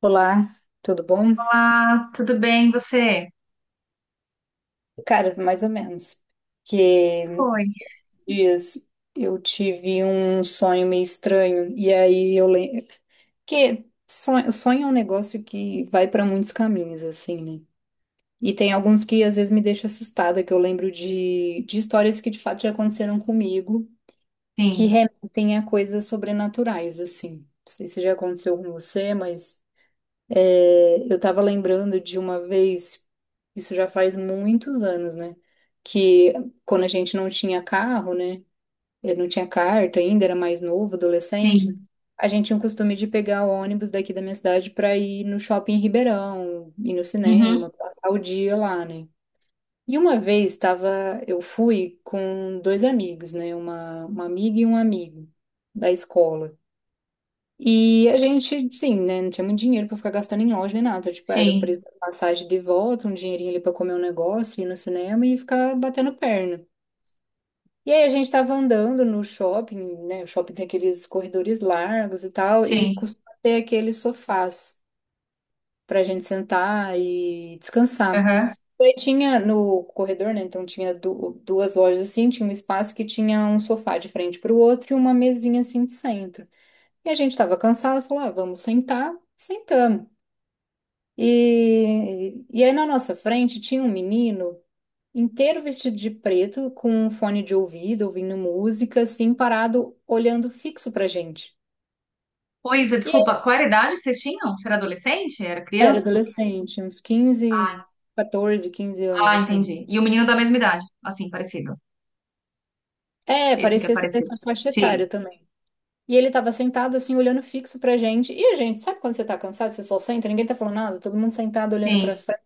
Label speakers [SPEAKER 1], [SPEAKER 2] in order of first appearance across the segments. [SPEAKER 1] Olá, tudo bom?
[SPEAKER 2] Olá, tudo bem, você?
[SPEAKER 1] Cara, mais ou menos. Que
[SPEAKER 2] Foi.
[SPEAKER 1] dias eu tive um sonho meio estranho e aí eu lembro que sonho, sonho é um negócio que vai para muitos caminhos assim, né? E tem alguns que às vezes me deixam assustada, que eu lembro de histórias que de fato já aconteceram comigo, que
[SPEAKER 2] Sim,
[SPEAKER 1] remetem a coisas sobrenaturais assim. Não sei se já aconteceu com você, mas é, eu estava lembrando de uma vez, isso já faz muitos anos, né? Que quando a gente não tinha carro, né? Eu não tinha carta ainda, era mais novo, adolescente.
[SPEAKER 2] sim.
[SPEAKER 1] A gente tinha o costume de pegar o ônibus daqui da minha cidade para ir no shopping em Ribeirão, ir no
[SPEAKER 2] Uhum,
[SPEAKER 1] cinema, passar o dia lá, né? E uma vez tava, eu fui com dois amigos, né? Uma amiga e um amigo da escola. E a gente, sim, né? Não tinha muito dinheiro pra ficar gastando em loja nem nada. Tipo, era o preço
[SPEAKER 2] sim,
[SPEAKER 1] da passagem de volta, um dinheirinho ali pra comer um negócio, ir no cinema e ficar batendo perna. E aí a gente tava andando no shopping, né? O shopping tem aqueles corredores largos e tal, e
[SPEAKER 2] sim.
[SPEAKER 1] costuma ter aqueles sofás pra gente sentar e descansar.
[SPEAKER 2] Aham.
[SPEAKER 1] E aí tinha no corredor, né? Então tinha duas lojas assim, tinha um espaço que tinha um sofá de frente pro outro e uma mesinha assim de centro. E a gente estava cansado, falou, ah, vamos sentar, sentamos. E aí na nossa frente tinha um menino inteiro vestido de preto, com um fone de ouvido, ouvindo música, assim, parado, olhando fixo pra gente.
[SPEAKER 2] Pois é,
[SPEAKER 1] E eu
[SPEAKER 2] desculpa, qual era a idade que vocês tinham? Você era adolescente? Era
[SPEAKER 1] era
[SPEAKER 2] criança? Como que-
[SPEAKER 1] adolescente, uns quinze,
[SPEAKER 2] Ah,
[SPEAKER 1] 14, quinze anos,
[SPEAKER 2] ah,
[SPEAKER 1] assim.
[SPEAKER 2] entendi. E o menino da mesma idade, assim, parecido.
[SPEAKER 1] É,
[SPEAKER 2] Esse que é
[SPEAKER 1] parecia ser
[SPEAKER 2] parecido.
[SPEAKER 1] dessa faixa etária
[SPEAKER 2] Sim,
[SPEAKER 1] também. E ele tava sentado, assim, olhando fixo pra gente. E a gente, sabe quando você tá cansado, você só senta, ninguém tá falando nada, todo mundo sentado olhando pra
[SPEAKER 2] sim.
[SPEAKER 1] frente.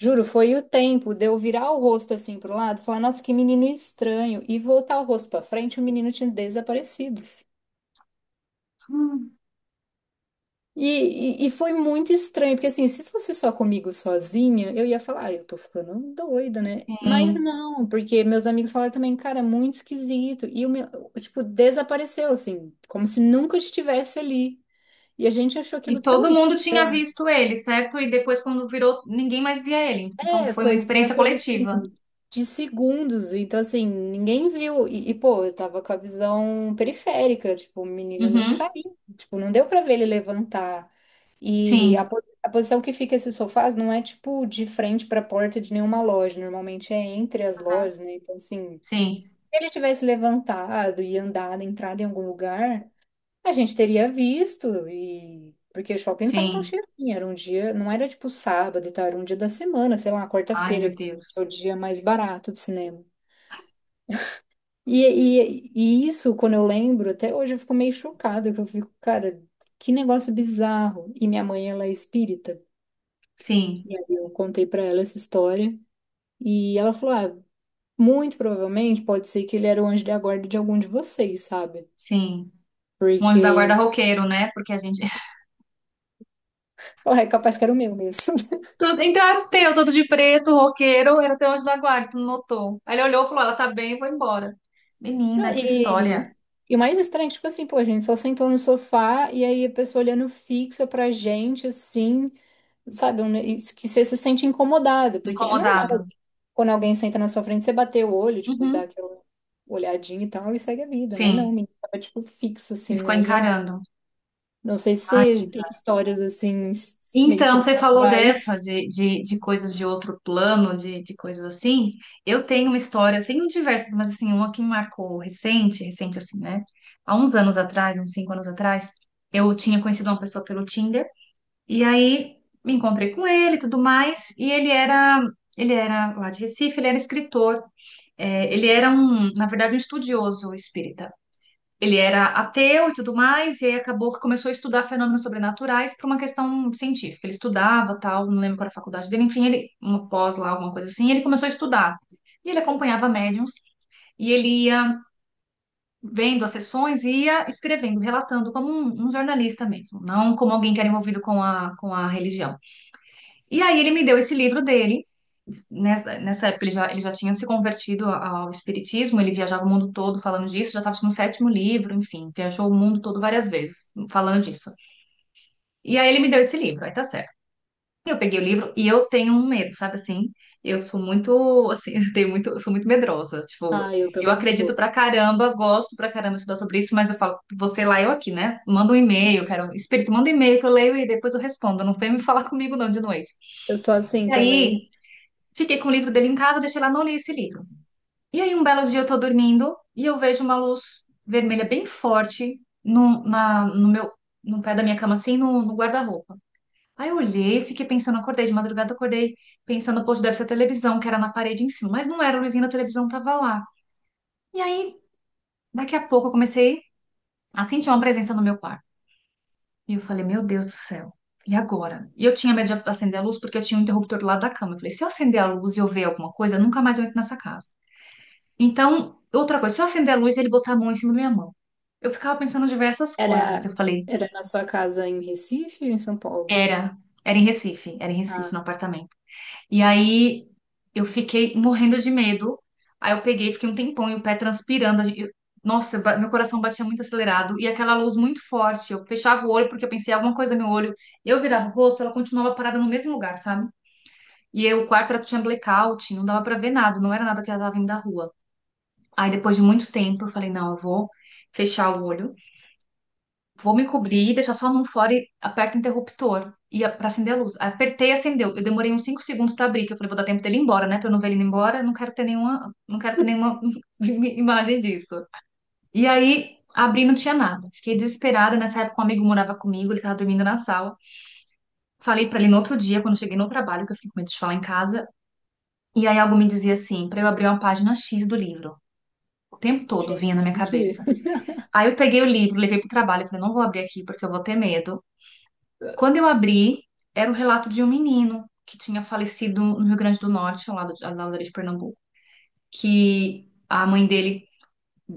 [SPEAKER 1] Juro, foi o tempo de eu virar o rosto assim pro lado, falar, nossa, que menino estranho, e voltar o rosto pra frente, o menino tinha desaparecido.
[SPEAKER 2] Hum,
[SPEAKER 1] E, e foi muito estranho, porque assim, se fosse só comigo sozinha, eu ia falar, ah, eu tô ficando doida, né? Mas
[SPEAKER 2] sim.
[SPEAKER 1] não, porque meus amigos falaram também, cara, é muito esquisito. E o meu, tipo, desapareceu, assim, como se nunca estivesse ali. E a gente achou
[SPEAKER 2] E
[SPEAKER 1] aquilo tão
[SPEAKER 2] todo mundo tinha visto ele, certo? E depois, quando virou, ninguém mais via ele. Então
[SPEAKER 1] é,
[SPEAKER 2] foi uma
[SPEAKER 1] foi a
[SPEAKER 2] experiência
[SPEAKER 1] coisa
[SPEAKER 2] coletiva.
[SPEAKER 1] assim, de segundos. Então, assim, ninguém viu. Pô, eu tava com a visão periférica. Tipo, o menino não
[SPEAKER 2] Uhum,
[SPEAKER 1] saiu. Tipo, não deu pra ver ele levantar. E
[SPEAKER 2] sim.
[SPEAKER 1] a posição que fica esses sofás não é, tipo, de frente pra porta de nenhuma loja. Normalmente é entre as
[SPEAKER 2] Aham.
[SPEAKER 1] lojas, né? Então, assim, se
[SPEAKER 2] Sim,
[SPEAKER 1] ele tivesse levantado e andado, entrado em algum lugar. A gente teria visto e porque o shopping não tava tão
[SPEAKER 2] sim.
[SPEAKER 1] cheio assim, era um dia, não era tipo sábado e tal, era um dia da semana, sei lá,
[SPEAKER 2] Ai,
[SPEAKER 1] quarta-feira,
[SPEAKER 2] meu
[SPEAKER 1] que é o
[SPEAKER 2] Deus.
[SPEAKER 1] dia mais barato de cinema. E isso, quando eu lembro, até hoje eu fico meio chocada, que eu fico, cara, que negócio bizarro. E minha mãe, ela é espírita.
[SPEAKER 2] Sim.
[SPEAKER 1] E aí eu contei pra ela essa história e ela falou: "Ah, muito provavelmente pode ser que ele era o anjo da guarda de algum de vocês, sabe?
[SPEAKER 2] Sim. Um anjo da guarda
[SPEAKER 1] Porque,
[SPEAKER 2] roqueiro, né? Porque a gente.
[SPEAKER 1] ó, é capaz que era o meu mesmo."
[SPEAKER 2] Tudo- Então era o teu, todo de preto, roqueiro, era o teu anjo da guarda, tu não notou. Aí ele olhou e falou: ela tá bem, vou embora.
[SPEAKER 1] Não,
[SPEAKER 2] Menina, que história.
[SPEAKER 1] e o mais estranho, tipo assim, pô, a gente só sentou no sofá e aí a pessoa olhando fixa pra gente, assim, sabe? Um, e que você se sente incomodado, porque é normal
[SPEAKER 2] Incomodado.
[SPEAKER 1] quando alguém senta na sua frente, você bater o olho, tipo, dá
[SPEAKER 2] Uhum.
[SPEAKER 1] aquela olhadinha e tal, e segue a vida. Mas não, o
[SPEAKER 2] Sim.
[SPEAKER 1] menino tava, tipo, fixo,
[SPEAKER 2] E
[SPEAKER 1] assim,
[SPEAKER 2] ficou
[SPEAKER 1] na gente.
[SPEAKER 2] encarando.
[SPEAKER 1] Não sei se
[SPEAKER 2] Ah,
[SPEAKER 1] você tem
[SPEAKER 2] Isa.
[SPEAKER 1] histórias, assim, meio
[SPEAKER 2] Então, você falou dessa,
[SPEAKER 1] sobrenaturais.
[SPEAKER 2] de coisas de outro plano, de coisas assim. Eu tenho uma história, tenho diversas, mas assim, uma que me marcou recente, recente assim, né? Há uns anos atrás, uns 5 anos atrás, eu tinha conhecido uma pessoa pelo Tinder. E aí me encontrei com ele e tudo mais, e ele era lá de Recife, ele era escritor. É, ele era um, na verdade, um estudioso espírita. Ele era ateu e tudo mais, e aí acabou que começou a estudar fenômenos sobrenaturais por uma questão científica. Ele estudava, tal, não lembro qual era a faculdade dele, enfim, ele, uma pós lá, alguma coisa assim, e ele começou a estudar. E ele acompanhava médiums, e ele ia vendo as sessões e ia escrevendo, relatando como um jornalista mesmo, não como alguém que era envolvido com a religião. E aí ele me deu esse livro dele. Nessa época ele já tinha se convertido ao espiritismo, ele viajava o mundo todo falando disso, já estava no sétimo livro, enfim, viajou o mundo todo várias vezes falando disso. E aí ele me deu esse livro, aí tá certo. Eu peguei o livro e eu tenho um medo, sabe assim? Eu sou muito, assim, eu tenho muito, eu sou muito medrosa. Tipo,
[SPEAKER 1] Ah, eu
[SPEAKER 2] eu
[SPEAKER 1] também
[SPEAKER 2] acredito
[SPEAKER 1] sou.
[SPEAKER 2] pra caramba, gosto pra caramba de estudar sobre isso, mas eu falo, você lá, eu aqui, né? Manda um e-mail, quero, espírito, manda um e-mail que eu leio e depois eu respondo. Não vem me falar comigo não de noite.
[SPEAKER 1] Eu sou assim
[SPEAKER 2] E
[SPEAKER 1] também.
[SPEAKER 2] aí fiquei com o livro dele em casa, deixei lá, não li esse livro. E aí, um belo dia, eu tô dormindo e eu vejo uma luz vermelha bem forte no meu, no pé da minha cama, assim, no guarda-roupa. Aí eu olhei, fiquei pensando, acordei de madrugada, acordei pensando, poxa, deve ser a televisão, que era na parede em cima. Mas não era, a luzinha da televisão tava lá. E aí, daqui a pouco, eu comecei a sentir uma presença no meu quarto. E eu falei, meu Deus do céu. E agora? E eu tinha medo de acender a luz porque eu tinha um interruptor do lado da cama. Eu falei, se eu acender a luz e eu ver alguma coisa, nunca mais eu entro nessa casa. Então, outra coisa, se eu acender a luz, e ele botar a mão em cima da minha mão. Eu ficava pensando em diversas coisas. Eu
[SPEAKER 1] Era,
[SPEAKER 2] falei,
[SPEAKER 1] era na sua casa em Recife ou em São Paulo?
[SPEAKER 2] era, era em Recife, era em Recife,
[SPEAKER 1] Ah.
[SPEAKER 2] no apartamento. E aí eu fiquei morrendo de medo. Aí eu peguei, fiquei um tempão e o pé transpirando. A gen- Eu- nossa, eu ba- meu coração batia muito acelerado e aquela luz muito forte. Eu fechava o olho porque eu pensei alguma coisa no meu olho. Eu virava o rosto, ela continuava parada no mesmo lugar, sabe? E aí, o quarto era, tinha blackout, não dava pra ver nada, não era nada que ela tava vindo da rua. Aí depois de muito tempo eu falei, não, eu vou fechar o olho, vou me cobrir, deixar só a mão fora e aperto o interruptor e para acender a luz. Apertei e acendeu. Eu demorei uns 5 segundos para abrir, que eu falei, vou dar tempo dele ir embora, né? Para eu não ver ele indo embora, eu não quero ter nenhuma, não quero ter nenhuma imagem disso. E aí abri, não tinha nada. Fiquei desesperada, nessa época um amigo morava comigo, ele estava dormindo na sala. Falei para ele no outro dia, quando cheguei no trabalho, que eu fiquei com medo de falar em casa, e aí algo me dizia assim, para eu abrir uma página X do livro. O tempo todo vinha na minha
[SPEAKER 1] Gente,
[SPEAKER 2] cabeça. Aí eu peguei o livro, levei pro trabalho, falei, não vou abrir aqui porque eu vou ter medo. Quando eu abri, era o relato de um menino que tinha falecido no Rio Grande do Norte, ao lado ali de Pernambuco, que a mãe dele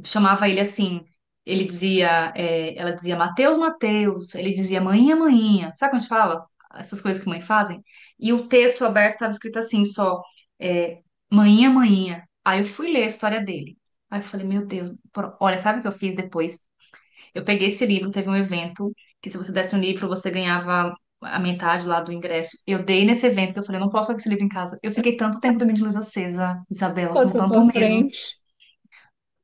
[SPEAKER 2] chamava ele assim, ele dizia, é, ela dizia Mateus, Mateus, ele dizia manhinha, manhinha. Sabe quando a gente fala? Essas coisas que mãe fazem? E o texto aberto estava escrito assim, só, é, manhinha, manhinha. Aí eu fui ler a história dele. Aí eu falei, meu Deus, pro- olha, sabe o que eu fiz depois? Eu peguei esse livro, teve um evento que se você desse um livro, você ganhava a metade lá do ingresso. Eu dei nesse evento que eu falei, eu não posso ficar com esse livro em casa. Eu fiquei tanto tempo dormindo de luz acesa, Isabela, com
[SPEAKER 1] passou
[SPEAKER 2] tanto
[SPEAKER 1] pra
[SPEAKER 2] medo.
[SPEAKER 1] frente.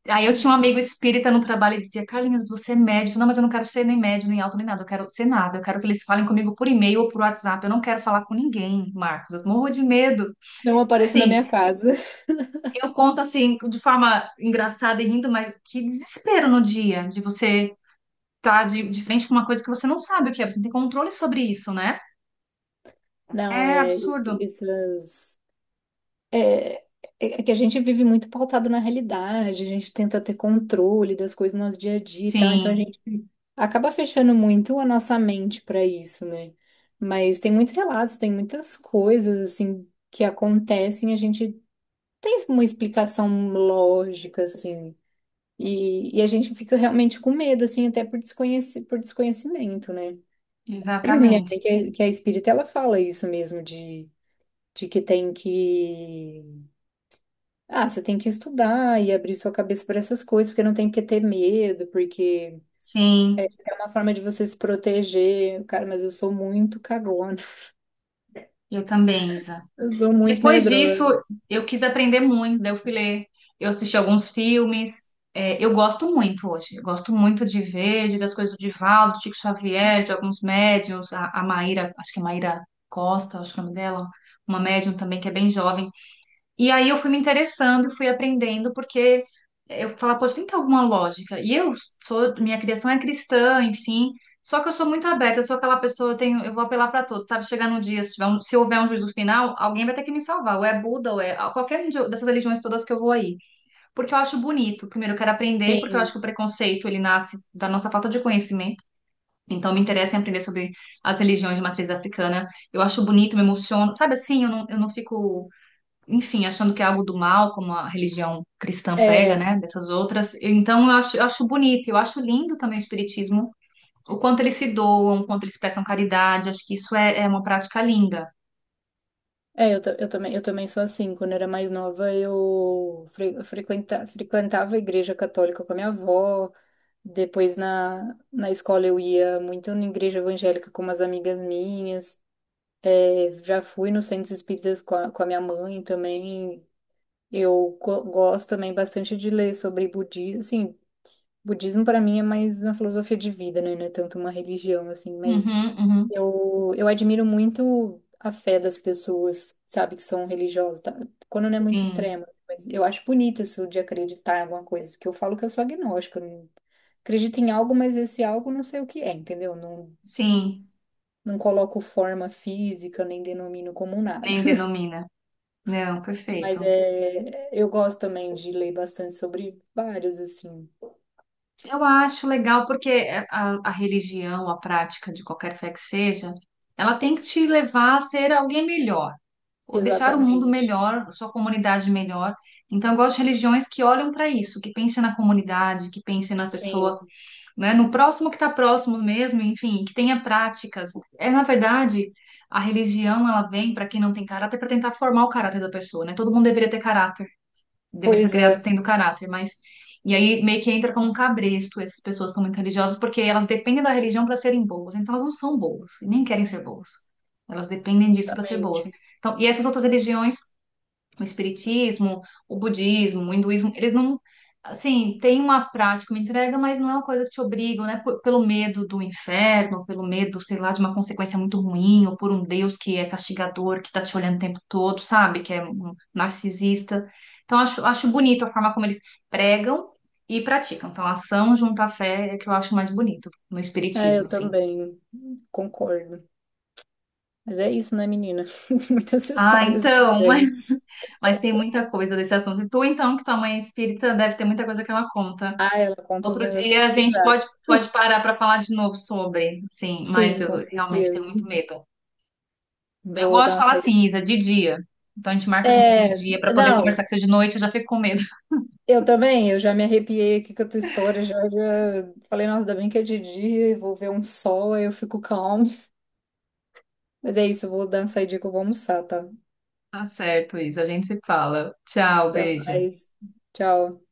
[SPEAKER 2] Aí eu tinha um amigo espírita no trabalho e dizia, Carlinhos, você é médio. Eu falei, não, mas eu não quero ser nem médio, nem alto, nem nada. Eu quero ser nada. Eu quero que eles falem comigo por e-mail ou por WhatsApp. Eu não quero falar com ninguém, Marcos. Eu morro de medo.
[SPEAKER 1] Não apareça na
[SPEAKER 2] Assim,
[SPEAKER 1] minha casa.
[SPEAKER 2] eu conto assim, de forma engraçada e rindo, mas que desespero no dia de você tá de frente com uma coisa que você não sabe o que é, você não tem controle sobre isso, né?
[SPEAKER 1] Não,
[SPEAKER 2] É
[SPEAKER 1] é
[SPEAKER 2] absurdo.
[SPEAKER 1] essas. É, é é que a gente vive muito pautado na realidade, a gente tenta ter controle das coisas no nosso dia a dia e tal, então a
[SPEAKER 2] Sim,
[SPEAKER 1] gente acaba fechando muito a nossa mente para isso, né? Mas tem muitos relatos, tem muitas coisas, assim, que acontecem, a gente tem uma explicação lógica, assim. E a gente fica realmente com medo, assim, até por por desconhecimento, né? Minha
[SPEAKER 2] exatamente.
[SPEAKER 1] mãe, que é espírita, ela fala isso mesmo, de que tem que. Ah, você tem que estudar e abrir sua cabeça para essas coisas, porque não tem que ter medo, porque
[SPEAKER 2] Sim,
[SPEAKER 1] é uma forma de você se proteger. Cara, mas eu sou muito cagona,
[SPEAKER 2] eu também, Isa.
[SPEAKER 1] eu sou muito
[SPEAKER 2] Depois
[SPEAKER 1] medrosa.
[SPEAKER 2] disso, eu quis aprender muito, daí eu fui ler, eu assisti alguns filmes. É, eu gosto muito hoje, eu gosto muito de ver as coisas do Divaldo, do Chico Xavier, de alguns médiums, a Maíra, acho que é Maíra Costa, acho que é o nome dela, uma médium também que é bem jovem. E aí eu fui me interessando e fui aprendendo, porque eu falava, poxa, tem que ter alguma lógica. E eu sou, minha criação é cristã, enfim, só que eu sou muito aberta, eu sou aquela pessoa, eu tenho, eu vou apelar para todos, sabe? Chegar no dia, se tiver um- se houver um juízo final, alguém vai ter que me salvar, ou é Buda, ou é qualquer um de- dessas religiões todas que eu vou aí. Porque eu acho bonito, primeiro eu quero aprender, porque eu acho que
[SPEAKER 1] Sim.
[SPEAKER 2] o preconceito, ele nasce da nossa falta de conhecimento. Então, me interessa em aprender sobre as religiões de matriz africana. Eu acho bonito, me emociono. Sabe assim, eu não fico enfim, achando que é algo do mal, como a religião cristã prega,
[SPEAKER 1] É.
[SPEAKER 2] né, dessas outras. Então, eu acho bonito, eu acho lindo também o espiritismo, o quanto eles se doam, o quanto eles prestam caridade, acho que isso é uma prática linda.
[SPEAKER 1] É, eu, eu também sou assim. Quando eu era mais nova, eu frequentava a igreja católica com a minha avó. Depois na escola eu ia muito na igreja evangélica com umas amigas minhas. É, já fui nos centros espíritas com a minha mãe também. Eu gosto também bastante de ler sobre budismo. Assim, budismo para mim é mais uma filosofia de vida, né? Não é tanto uma religião, assim. Mas
[SPEAKER 2] Uhum, uhum.
[SPEAKER 1] eu admiro muito a fé das pessoas, sabe, que são religiosas. Tá? Quando não é muito
[SPEAKER 2] Sim,
[SPEAKER 1] extrema. Mas eu acho bonito isso de acreditar em alguma coisa. Que eu falo que eu sou agnóstica, acredito em algo, mas esse algo não sei o que é, entendeu? Não,
[SPEAKER 2] sim,
[SPEAKER 1] não coloco forma física, nem denomino como nada.
[SPEAKER 2] nem denomina. Não,
[SPEAKER 1] Mas
[SPEAKER 2] perfeito.
[SPEAKER 1] é, eu gosto também de ler bastante sobre vários, assim.
[SPEAKER 2] Eu acho legal porque a religião, a prática de qualquer fé que seja, ela tem que te levar a ser alguém melhor, ou deixar o mundo
[SPEAKER 1] Exatamente.
[SPEAKER 2] melhor, sua comunidade melhor. Então, eu gosto de religiões que olham para isso, que pensem na comunidade, que pensem na
[SPEAKER 1] Sim,
[SPEAKER 2] pessoa, né, no próximo que está próximo mesmo, enfim, que tenha práticas. É, na verdade, a religião, ela vem para quem não tem caráter para tentar formar o caráter da pessoa, né? Todo mundo deveria ter caráter deveria ser
[SPEAKER 1] pois
[SPEAKER 2] criado
[SPEAKER 1] é.
[SPEAKER 2] tendo caráter, mas. E aí meio que entra como um cabresto, essas pessoas são muito religiosas porque elas dependem da religião para serem boas, então elas não são boas e nem querem ser boas. Elas dependem disso para ser boas.
[SPEAKER 1] Exatamente.
[SPEAKER 2] Então, e essas outras religiões o espiritismo, o budismo, o hinduísmo, eles não, assim, tem uma prática, uma entrega, mas não é uma coisa que te obrigam, né? P- pelo medo do inferno, pelo medo, sei lá, de uma consequência muito ruim, ou por um Deus que é castigador, que tá te olhando o tempo todo, sabe? Que é um narcisista. Então, acho bonito a forma como eles pregam e praticam. Então, ação junto à fé é que eu acho mais bonito no
[SPEAKER 1] É,
[SPEAKER 2] espiritismo,
[SPEAKER 1] eu
[SPEAKER 2] assim.
[SPEAKER 1] também concordo. Mas é isso, né, menina? Tem muitas
[SPEAKER 2] Ah,
[SPEAKER 1] histórias
[SPEAKER 2] então, mas,
[SPEAKER 1] estranhas.
[SPEAKER 2] mas tem muita coisa desse assunto. E tu, então, que tua mãe é espírita, deve ter muita coisa que ela conta.
[SPEAKER 1] Ah, ela conta uns
[SPEAKER 2] Outro
[SPEAKER 1] negócios
[SPEAKER 2] dia a gente pode,
[SPEAKER 1] bizarros.
[SPEAKER 2] pode parar para falar de novo sobre, sim, mas
[SPEAKER 1] Sim, com
[SPEAKER 2] eu realmente tenho
[SPEAKER 1] certeza.
[SPEAKER 2] muito medo. Eu
[SPEAKER 1] Vou
[SPEAKER 2] gosto
[SPEAKER 1] dar
[SPEAKER 2] de
[SPEAKER 1] uma
[SPEAKER 2] falar
[SPEAKER 1] saída.
[SPEAKER 2] assim, Isa, de dia. Então a gente marca de novo de
[SPEAKER 1] É,
[SPEAKER 2] dia para poder
[SPEAKER 1] não,
[SPEAKER 2] conversar com você de noite, eu já fico com medo.
[SPEAKER 1] eu também, eu já me arrepiei aqui com a tua história, já, já falei, nossa, ainda bem que é de dia, eu vou ver um sol, aí eu fico calmo. Mas é isso, eu vou dar uma saidinha que eu vou almoçar, tá?
[SPEAKER 2] Tá certo, Isa, a gente se fala. Tchau,
[SPEAKER 1] Até
[SPEAKER 2] beijo.
[SPEAKER 1] mais. Tchau.